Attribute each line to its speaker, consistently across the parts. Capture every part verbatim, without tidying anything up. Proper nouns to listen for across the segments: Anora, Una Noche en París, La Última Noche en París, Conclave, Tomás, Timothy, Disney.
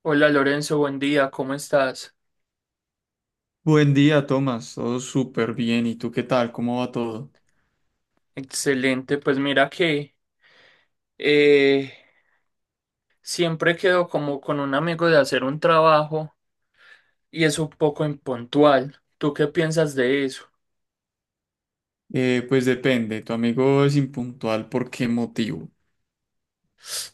Speaker 1: Hola Lorenzo, buen día, ¿cómo estás?
Speaker 2: Buen día, Tomás. Todo súper bien. ¿Y tú qué tal? ¿Cómo va todo?
Speaker 1: Excelente, pues mira que eh, siempre quedo como con un amigo de hacer un trabajo y es un poco impuntual. ¿Tú qué piensas de eso?
Speaker 2: Eh, pues depende. Tu amigo es impuntual. ¿Por qué motivo?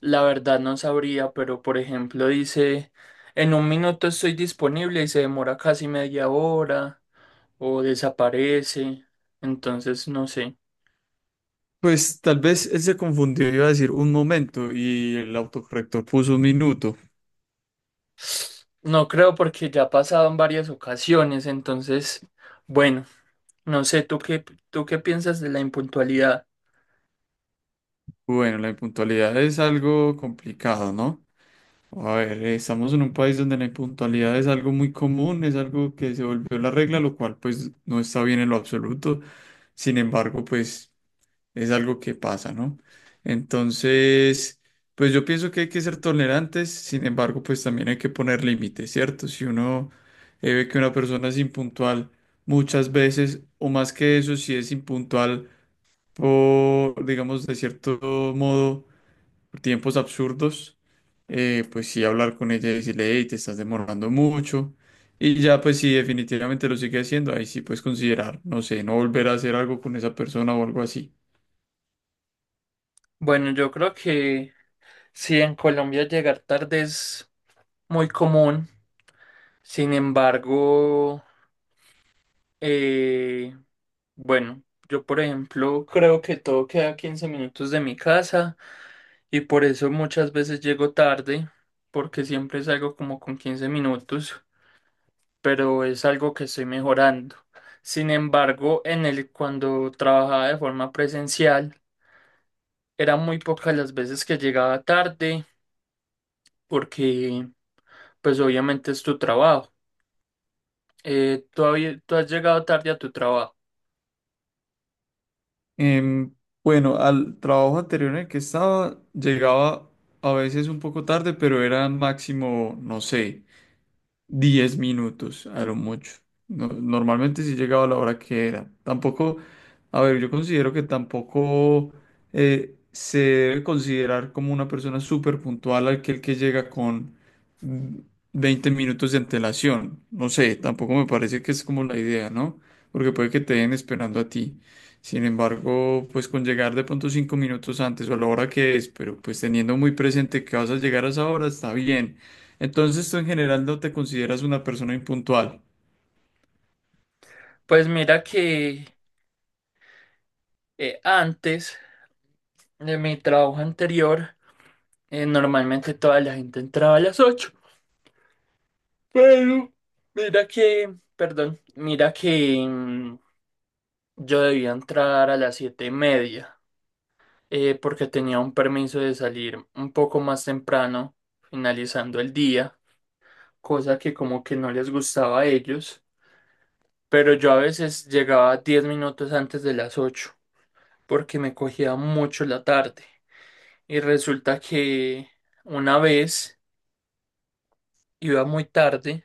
Speaker 1: La verdad no sabría, pero por ejemplo dice, en un minuto estoy disponible y se demora casi media hora o desaparece, entonces no sé.
Speaker 2: Pues tal vez él se confundió. Iba a decir un momento y el autocorrector puso un minuto.
Speaker 1: No creo porque ya ha pasado en varias ocasiones, entonces, bueno. No sé, ¿tú qué, ¿tú qué piensas de la impuntualidad?
Speaker 2: Bueno, la impuntualidad es algo complicado, ¿no? A ver, eh, estamos en un país donde la impuntualidad es algo muy común, es algo que se volvió la regla, lo cual pues no está bien en lo absoluto. Sin embargo, pues es algo que pasa, ¿no? Entonces, pues yo pienso que hay que ser tolerantes, sin embargo, pues también hay que poner límites, ¿cierto? Si uno eh, ve que una persona es impuntual muchas veces, o más que eso, si es impuntual por, digamos, de cierto modo, por tiempos absurdos, eh, pues sí hablar con ella y decirle, hey, te estás demorando mucho. Y ya, pues si definitivamente lo sigue haciendo, ahí sí puedes considerar, no sé, no volver a hacer algo con esa persona o algo así.
Speaker 1: Bueno, yo creo que sí, en Colombia llegar tarde es muy común. Sin embargo, eh, bueno, yo por ejemplo creo que todo queda a quince minutos de mi casa y por eso muchas veces llego tarde, porque siempre salgo como con quince minutos, pero es algo que estoy mejorando. Sin embargo, en el cuando trabajaba de forma presencial, era muy pocas las veces que llegaba tarde porque pues obviamente es tu trabajo. Eh, ¿tú, habí- Tú has llegado tarde a tu trabajo?
Speaker 2: Em, bueno, al trabajo anterior en el que estaba, llegaba a veces un poco tarde, pero era máximo, no sé, diez minutos, a lo mucho. No- normalmente sí llegaba a la hora que era. Tampoco, a ver, yo considero que tampoco eh, se debe considerar como una persona súper puntual aquel que llega con mm, veinte minutos de antelación. No sé, tampoco me parece que es como la idea, ¿no? Porque puede que te den esperando a ti. Sin embargo, pues con llegar de pronto cinco minutos antes o a la hora que es, pero pues teniendo muy presente que vas a llegar a esa hora, está bien. Entonces tú en general no te consideras una persona impuntual.
Speaker 1: Pues mira que eh, antes de mi trabajo anterior eh, normalmente toda la gente entraba a las ocho, pero mira que, perdón, mira que mm, yo debía entrar a las siete y media eh, porque tenía un permiso de salir un poco más temprano finalizando el día, cosa que como que no les gustaba a ellos, pero yo a veces llegaba diez minutos antes de las ocho porque me cogía mucho la tarde. Y resulta que una vez iba muy tarde,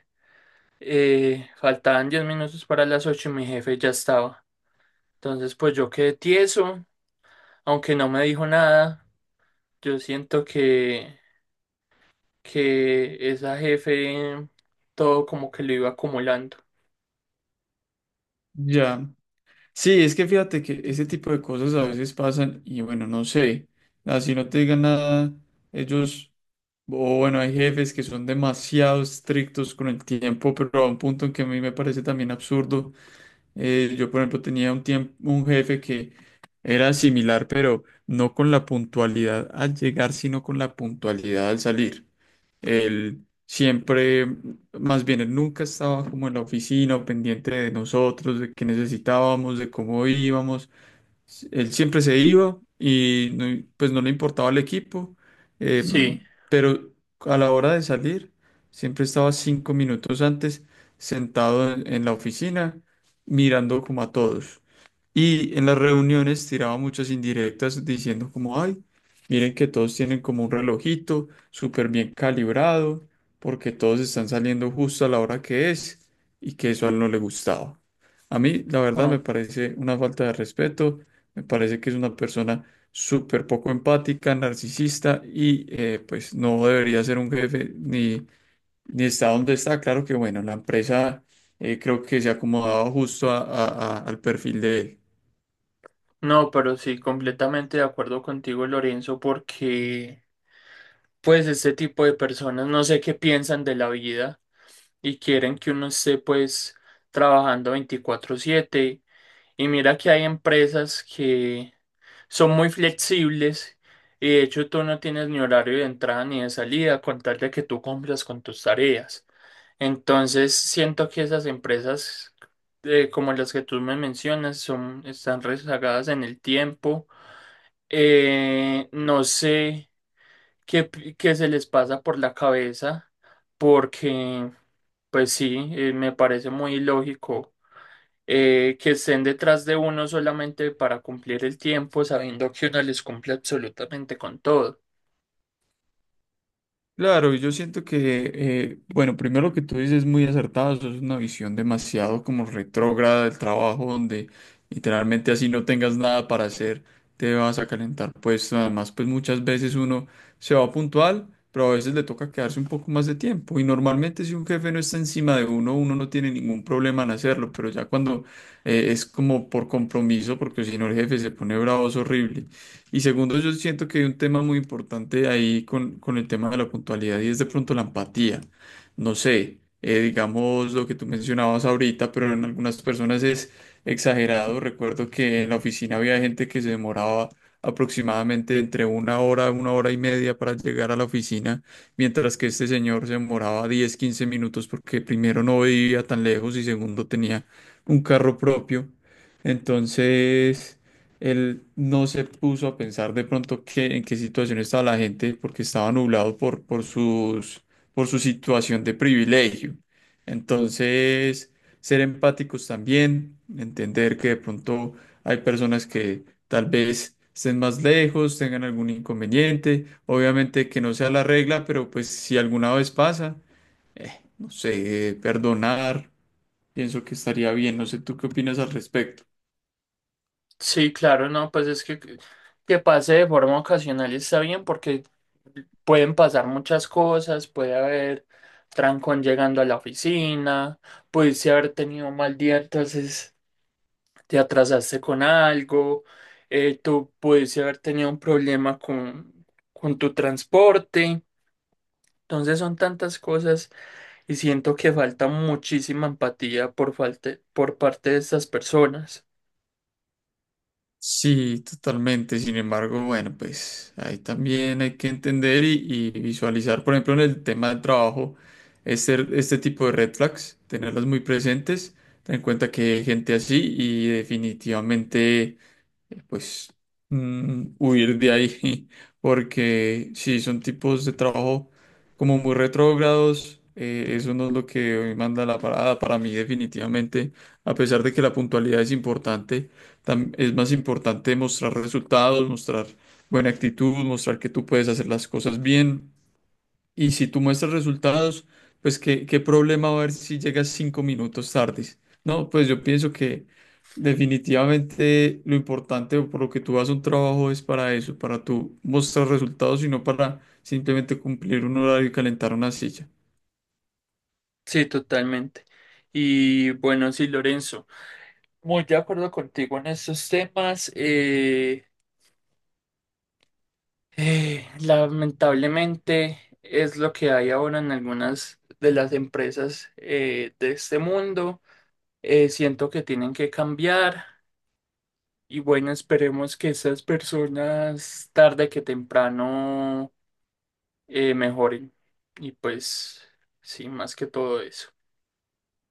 Speaker 1: eh, faltaban diez minutos para las ocho y mi jefe ya estaba. Entonces pues yo quedé tieso, aunque no me dijo nada, yo siento que, que esa jefe todo como que lo iba acumulando.
Speaker 2: Ya. Sí, es que fíjate que ese tipo de cosas a veces pasan y bueno, no sé. Así no te digan nada, ellos, o bueno, hay jefes que son demasiado estrictos con el tiempo, pero a un punto en que a mí me parece también absurdo. Eh, yo, por ejemplo, tenía un tiempo, un jefe que era similar, pero no con la puntualidad al llegar, sino con la puntualidad al salir. Él siempre, más bien, él nunca estaba como en la oficina o pendiente de nosotros, de qué necesitábamos, de cómo íbamos. S- Él siempre se iba y no- pues no le importaba el equipo,
Speaker 1: Sí.
Speaker 2: em, pero a la hora de salir, siempre estaba cinco minutos antes sentado en, en la oficina mirando como a todos. Y en las reuniones tiraba muchas indirectas diciendo como, ay, miren que todos tienen como un relojito súper bien calibrado, porque todos están saliendo justo a la hora que es y que eso a él no le gustaba. A mí, la verdad, me parece una falta de respeto, me parece que es una persona súper poco empática, narcisista y eh, pues no debería ser un jefe ni, ni está donde está. Claro que bueno, la empresa eh, creo que se acomodaba justo a- a- a- al perfil de él.
Speaker 1: No, pero sí, completamente de acuerdo contigo, Lorenzo, porque pues este tipo de personas no sé qué piensan de la vida y quieren que uno esté pues trabajando veinticuatro siete. Y mira que hay empresas que son muy flexibles y de hecho tú no tienes ni horario de entrada ni de salida con tal de que tú cumplas con tus tareas. Entonces siento que esas empresas, eh, como las que tú me mencionas son, están rezagadas en el tiempo. Eh, no sé qué, pi- qué se les pasa por la cabeza, porque, pues sí, eh, me parece muy ilógico eh, que estén detrás de uno solamente para cumplir el tiempo, sabiendo que uno les cumple absolutamente con todo.
Speaker 2: Claro, y yo siento que, eh, bueno, primero lo que tú dices es muy acertado, eso es una visión demasiado como retrógrada del trabajo, donde literalmente así no tengas nada para hacer, te vas a calentar, pues además, pues muchas veces uno se va puntual, pero a veces le toca quedarse un poco más de tiempo, y normalmente si un jefe no está encima de uno, uno no tiene ningún problema en hacerlo, pero ya cuando eh, es como por compromiso, porque si no el jefe se pone bravo, es horrible. Y segundo, yo siento que hay un tema muy importante ahí con, con el tema de la puntualidad y es de pronto la empatía. No sé, eh, digamos lo que tú mencionabas ahorita, pero en algunas personas es exagerado. Recuerdo que en la oficina había gente que se demoraba aproximadamente entre una hora, una hora y media para llegar a la oficina, mientras que este señor se demoraba diez quince minutos porque primero no vivía tan lejos y segundo tenía un carro propio. Entonces... Él no se puso a pensar de pronto qué, en qué situación estaba la gente porque estaba nublado por, por sus, por su situación de privilegio. Entonces, ser empáticos también, entender que de pronto hay personas que tal vez estén más lejos, tengan algún inconveniente, obviamente que no sea la regla, pero pues si alguna vez pasa, eh, no sé, perdonar, pienso que estaría bien, no sé, ¿tú qué opinas al respecto?
Speaker 1: Sí, claro, no, pues es que que pase de forma ocasional está bien, porque pueden pasar muchas cosas, puede haber trancón llegando a la oficina, pudiste haber tenido un mal día, entonces te atrasaste con algo. Eh, tú pudiste haber tenido un problema con, con tu transporte. Entonces son tantas cosas y siento que falta muchísima empatía por falta, por parte de estas personas.
Speaker 2: Sí, totalmente. Sin embargo, bueno, pues ahí también hay que entender y, y visualizar, por ejemplo, en el tema del trabajo, este, este tipo de red flags, tenerlas muy presentes, ten en cuenta que hay gente así y definitivamente eh, pues mm, huir de ahí, porque si son tipos de trabajo como muy retrógrados, eh, eso no es lo que hoy manda la parada para mí definitivamente, a pesar de que la puntualidad es importante, tam- es más importante mostrar resultados, mostrar buena actitud, mostrar que tú puedes hacer las cosas bien. Y si tú muestras resultados, pues qué, qué problema va a haber si llegas cinco minutos tardes. No, pues yo pienso que definitivamente lo importante o por lo que tú vas a un trabajo es para eso, para tú mostrar resultados y no para simplemente cumplir un horario y calentar una silla.
Speaker 1: Sí, totalmente. Y bueno, sí, Lorenzo, muy de acuerdo contigo en estos temas. Eh, eh, lamentablemente es lo que hay ahora en algunas de las empresas eh, de este mundo. Eh, siento que tienen que cambiar y bueno, esperemos que esas personas tarde que temprano eh, mejoren. Y pues, sí, más que todo eso.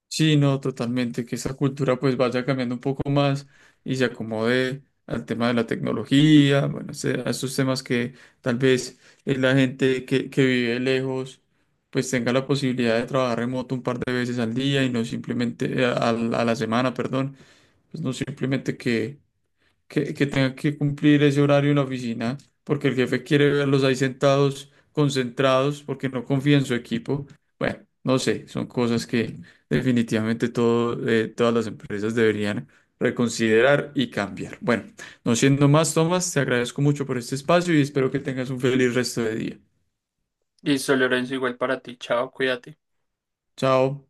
Speaker 2: Sí, no, totalmente, que esa cultura pues vaya cambiando un poco más y se acomode al tema de la tecnología, bueno, ese- a esos temas que tal vez eh, la gente que, que vive lejos pues tenga la posibilidad de trabajar remoto un par de veces al día y no simplemente, eh, a, a la semana, perdón, pues no simplemente que, que, que tenga que cumplir ese horario en la oficina, porque el jefe quiere verlos ahí sentados, concentrados, porque no confía en su equipo. Bueno, no sé, son cosas que definitivamente todo, eh, todas las empresas deberían reconsiderar y cambiar. Bueno, no siendo más, Tomás, te agradezco mucho por este espacio y espero que tengas un feliz resto de día.
Speaker 1: Listo, Lorenzo, igual para ti, chao, cuídate.
Speaker 2: Chao.